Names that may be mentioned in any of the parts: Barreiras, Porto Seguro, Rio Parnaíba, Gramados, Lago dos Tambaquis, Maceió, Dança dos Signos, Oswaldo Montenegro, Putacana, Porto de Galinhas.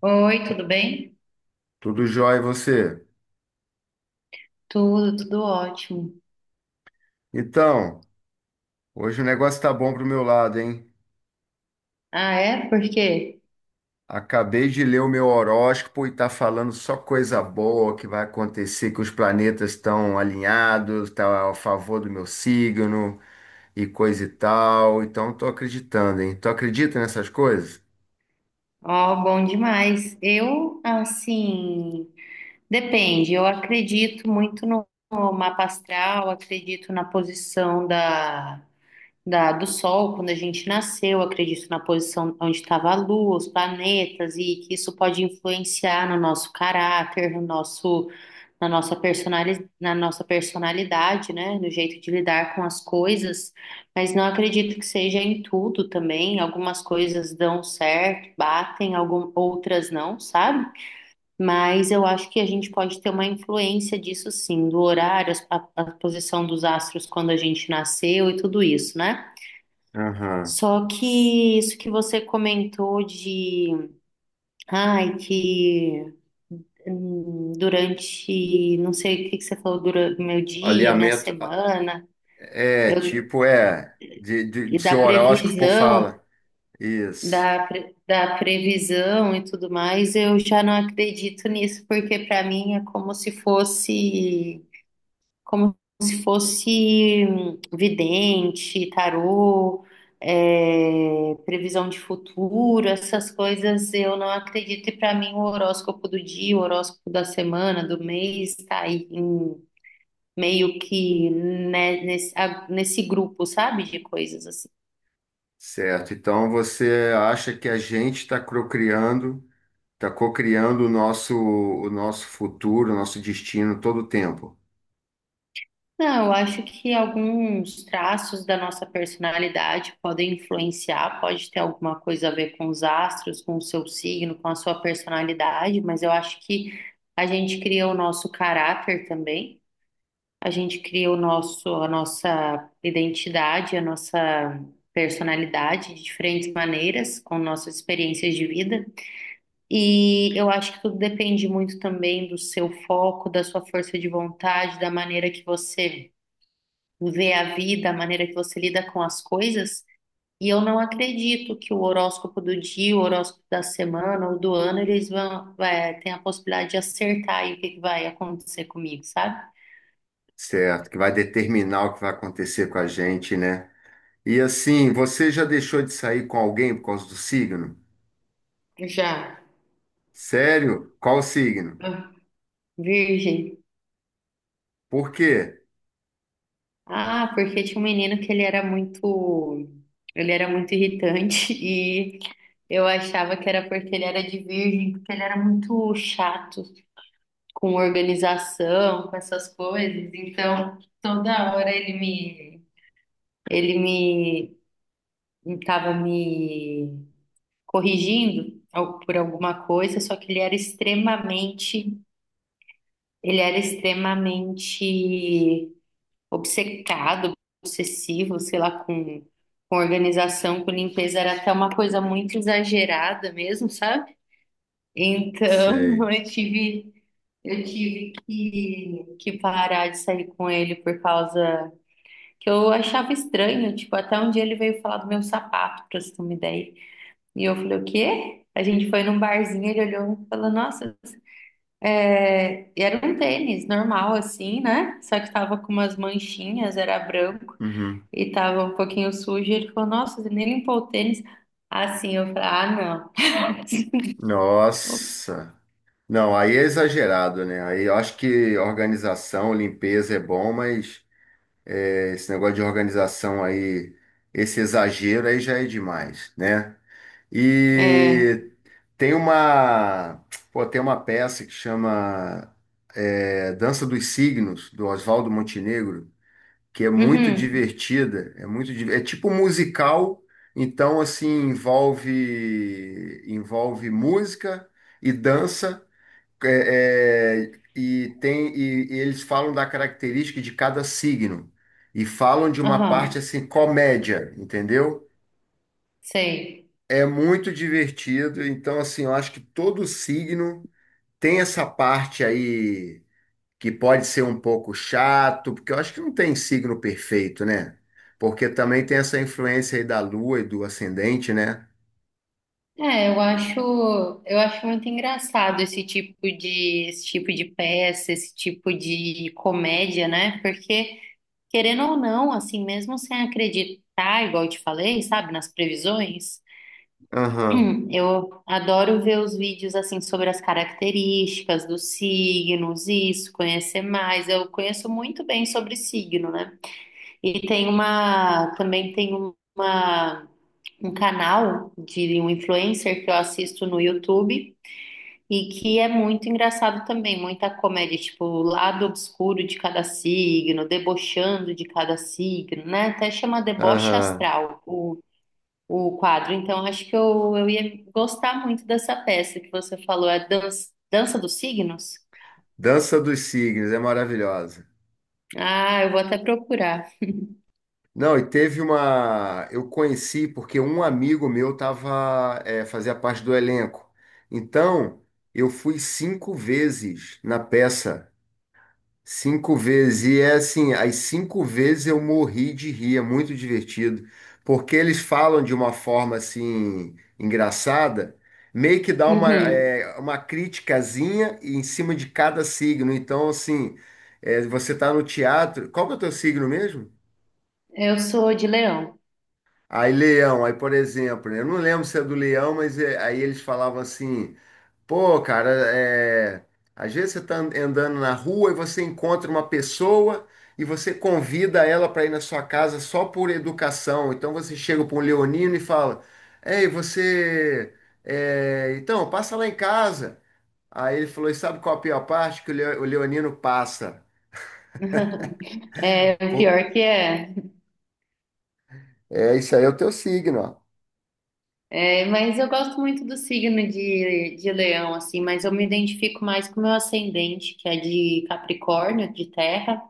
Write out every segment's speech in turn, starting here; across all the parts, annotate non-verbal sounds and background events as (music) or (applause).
Oi, tudo bem? Tudo jóia e você? Tudo, tudo ótimo. Então, hoje o negócio tá bom pro meu lado, hein? Ah, é? Por quê? Acabei de ler o meu horóscopo e tá falando só coisa boa que vai acontecer, que os planetas estão alinhados, tá a favor do meu signo e coisa e tal. Então, tô acreditando, hein? Tu acredita nessas coisas? Ó, bom demais. Eu, assim, depende. Eu acredito muito no mapa astral, acredito na posição do Sol, quando a gente nasceu, acredito na posição onde estava a Lua, os planetas, e que isso pode influenciar no nosso caráter, no nosso, na nossa personali, na nossa personalidade, né? No jeito de lidar com as coisas, mas não acredito que seja em tudo também. Algumas coisas dão certo, batem, outras não, sabe? Mas eu acho que a gente pode ter uma influência disso sim, do horário, a posição dos astros quando a gente nasceu e tudo isso, né? Aham. Só que isso que você comentou de, ai, que durante, não sei o que que você falou, durante meu dia, minha Alinhamento semana, é eu, tipo, é, de, de, e de seu da horóscopo previsão, fala. Isso. Da previsão e tudo mais, eu já não acredito nisso, porque para mim é como se fosse vidente, tarô, é, previsão de futuro, essas coisas eu não acredito. E para mim, o horóscopo do dia, o horóscopo da semana, do mês, está aí meio que né, nesse grupo, sabe, de coisas assim. Certo. Então, você acha que a gente está procriando. Está cocriando o nosso futuro, o nosso destino todo o tempo, Não, eu acho que alguns traços da nossa personalidade podem influenciar, pode ter alguma coisa a ver com os astros, com o seu signo, com a sua personalidade, mas eu acho que a gente cria o nosso caráter também, a gente cria a nossa identidade, a nossa personalidade de diferentes maneiras, com nossas experiências de vida. E eu acho que tudo depende muito também do seu foco, da sua força de vontade, da maneira que você ver a vida, a maneira que você lida com as coisas. E eu não acredito que o horóscopo do dia, o horóscopo da semana ou do ano, eles vão, tem a possibilidade de acertar aí o que que vai acontecer comigo, sabe? certo? Que vai determinar o que vai acontecer com a gente, né? E assim, você já deixou de sair com alguém por causa do signo? Já. Sério? Qual o signo? Ah, Virgem. Por quê? Ah, porque tinha um menino que ele era muito irritante (laughs) e eu achava que era porque ele era de virgem, porque ele era muito chato, com organização, com essas coisas. Então, toda hora ele me estava me corrigindo por alguma coisa, só que ele era extremamente obcecado, obsessivo, sei lá, com organização, com limpeza, era até uma coisa muito exagerada mesmo, sabe? Então, Sei. (laughs) eu tive, eu tive que parar de sair com ele por causa que eu achava estranho. Tipo, até um dia ele veio falar do meu sapato, pra você ter uma ideia. E eu falei, o quê? A gente foi num barzinho, ele olhou e falou, nossa, e era um tênis normal, assim, né? Só que tava com umas manchinhas, era branco Uhum. e tava um pouquinho sujo. Ele falou, nossa, você nem limpou o tênis. Assim, eu falei, ah, não. (laughs) Ops. Nossa. Não, aí é exagerado, né? Aí eu acho que organização, limpeza é bom, mas é, esse negócio de organização aí, esse exagero aí já é demais, né? É. E tem uma, pô, tem uma peça que chama Dança dos Signos, do Oswaldo Montenegro, que é muito Uhum. divertida, é muito, é tipo musical, então assim envolve música e dança e tem e eles falam da característica de cada signo e falam de uma Aham, parte assim comédia, entendeu? sei. É muito divertido, então assim, eu acho que todo signo tem essa parte aí que pode ser um pouco chato, porque eu acho que não tem signo perfeito, né? Porque também tem essa influência aí da lua e do ascendente, né? É, eu acho muito engraçado esse tipo de peça, esse tipo de comédia, né? Porque, querendo ou não, assim, mesmo sem acreditar, igual eu te falei, sabe, nas previsões, Aham, (clears throat) eu adoro ver os vídeos, assim, sobre as características dos signos, isso, conhecer mais. Eu conheço muito bem sobre signo, né? E tem uma, também tem uma. Um canal de um influencer que eu assisto no YouTube e que é muito engraçado também, muita comédia, tipo, o lado obscuro de cada signo, debochando de cada signo, né? Até chama deboche aham. astral o quadro. Então, acho que eu ia gostar muito dessa peça que você falou, é dança dos signos? Dança dos signos é maravilhosa. Ah, eu vou até procurar. Não, e teve uma. Eu conheci porque um amigo meu tava, é, fazia parte do elenco. Então, eu fui 5 vezes na peça. 5 vezes. E é assim, as 5 vezes eu morri de rir, é muito divertido. Porque eles falam de uma forma assim, engraçada, meio que dá uma, Uhum. é, uma criticazinha em cima de cada signo. Então, assim, é, você tá no teatro. Qual que é o teu signo mesmo? Eu sou de leão. Aí, leão, aí, por exemplo, né, eu não lembro se é do leão, mas aí eles falavam assim. Pô, cara, é... às vezes você tá andando na rua e você encontra uma pessoa e você convida ela para ir na sua casa só por educação. Então você chega para um leonino e fala: Ei, você. É, então, passa lá em casa. Aí ele falou: E sabe qual a pior parte? Que o o leonino passa. É, o Pô, pior que é. é, isso aí é o teu signo, ó. É, mas eu gosto muito do signo de leão, assim, mas eu me identifico mais com o meu ascendente, que é de Capricórnio, de terra,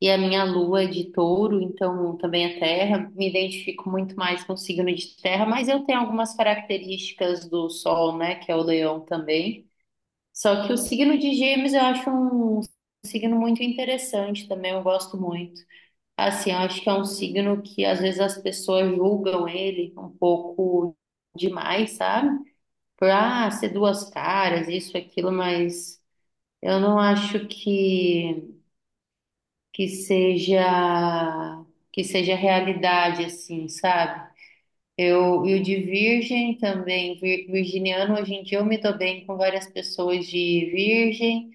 e a minha lua é de touro, então também é terra. Me identifico muito mais com o signo de terra, mas eu tenho algumas características do sol, né, que é o leão também. Só que o signo de Gêmeos eu acho um signo muito interessante também, eu gosto muito. Assim, eu acho que é um signo que às vezes as pessoas julgam ele um pouco demais, sabe? Por ser duas caras, isso, aquilo, mas eu não acho que seja que seja realidade, assim, sabe? E o de virgem também, virginiano, hoje em dia eu me dou bem com várias pessoas de virgem,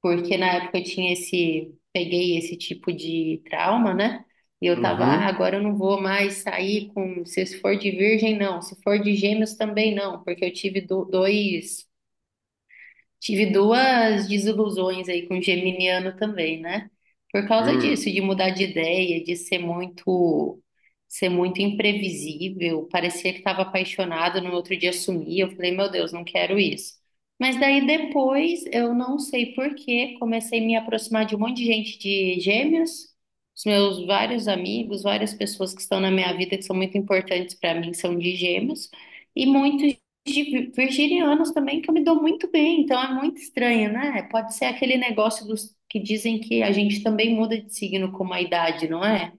porque na época eu tinha peguei esse tipo de trauma, né? E eu tava, Uhum. agora eu não vou mais sair com, se for de virgem, não, se for de gêmeos também não, porque eu tive dois. Tive duas desilusões aí com o geminiano também, né? Por causa Hum. disso, de mudar de ideia, de ser muito imprevisível, parecia que estava apaixonado, no outro dia sumia. Eu falei, meu Deus, não quero isso. Mas daí depois, eu não sei por quê, comecei a me aproximar de um monte de gente de Gêmeos, os meus vários amigos, várias pessoas que estão na minha vida que são muito importantes para mim são de Gêmeos. E muitos de virginianos também que eu me dou muito bem, então é muito estranho, né? Pode ser aquele negócio dos que dizem que a gente também muda de signo com a idade, não é?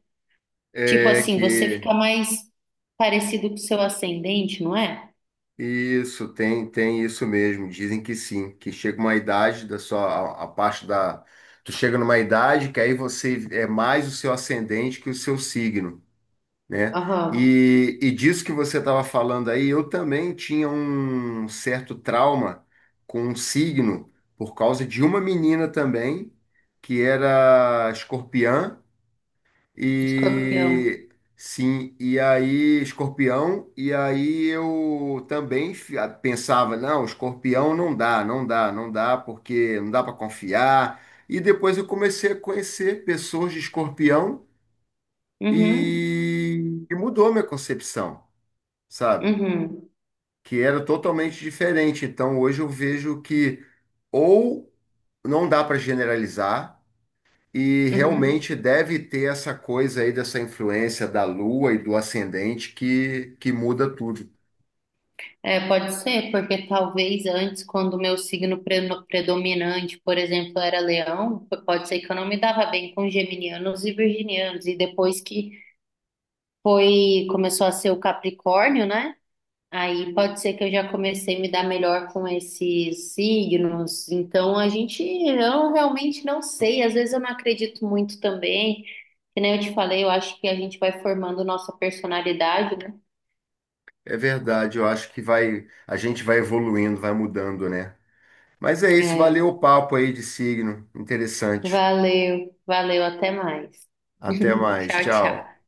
Tipo É assim, você que. fica mais parecido com o seu ascendente, não é? Isso, tem, tem isso mesmo. Dizem que sim, que chega uma idade da sua, a parte da, tu chega numa idade que aí você é mais o seu ascendente que o seu signo, né? Aham, E disso que você estava falando aí, eu também tinha um certo trauma com um signo por causa de uma menina também que era escorpiã. Escorpião. E sim, e aí Escorpião, e aí eu também ah, pensava, não, Escorpião não dá, não dá, não dá, porque não dá para confiar. E depois eu comecei a conhecer pessoas de Escorpião Uhum, e mudou minha concepção, sabe? uhum, Que era totalmente diferente. Então hoje eu vejo que ou não dá para generalizar. E uhum. realmente deve ter essa coisa aí dessa influência da lua e do ascendente que muda tudo. É, pode ser, porque talvez antes, quando o meu signo predominante, por exemplo, era leão, pode ser que eu não me dava bem com geminianos e virginianos, e depois que começou a ser o Capricórnio, né? Aí pode ser que eu já comecei a me dar melhor com esses signos. Então eu realmente não sei. Às vezes eu não acredito muito também. Que nem eu te falei, eu acho que a gente vai formando nossa personalidade, né? É verdade, eu acho que vai, a gente vai evoluindo, vai mudando, né? Mas é isso, É, valeu o papo aí de signo. Interessante. valeu, valeu, até mais. Até (laughs) mais, Tchau, tchau. tchau.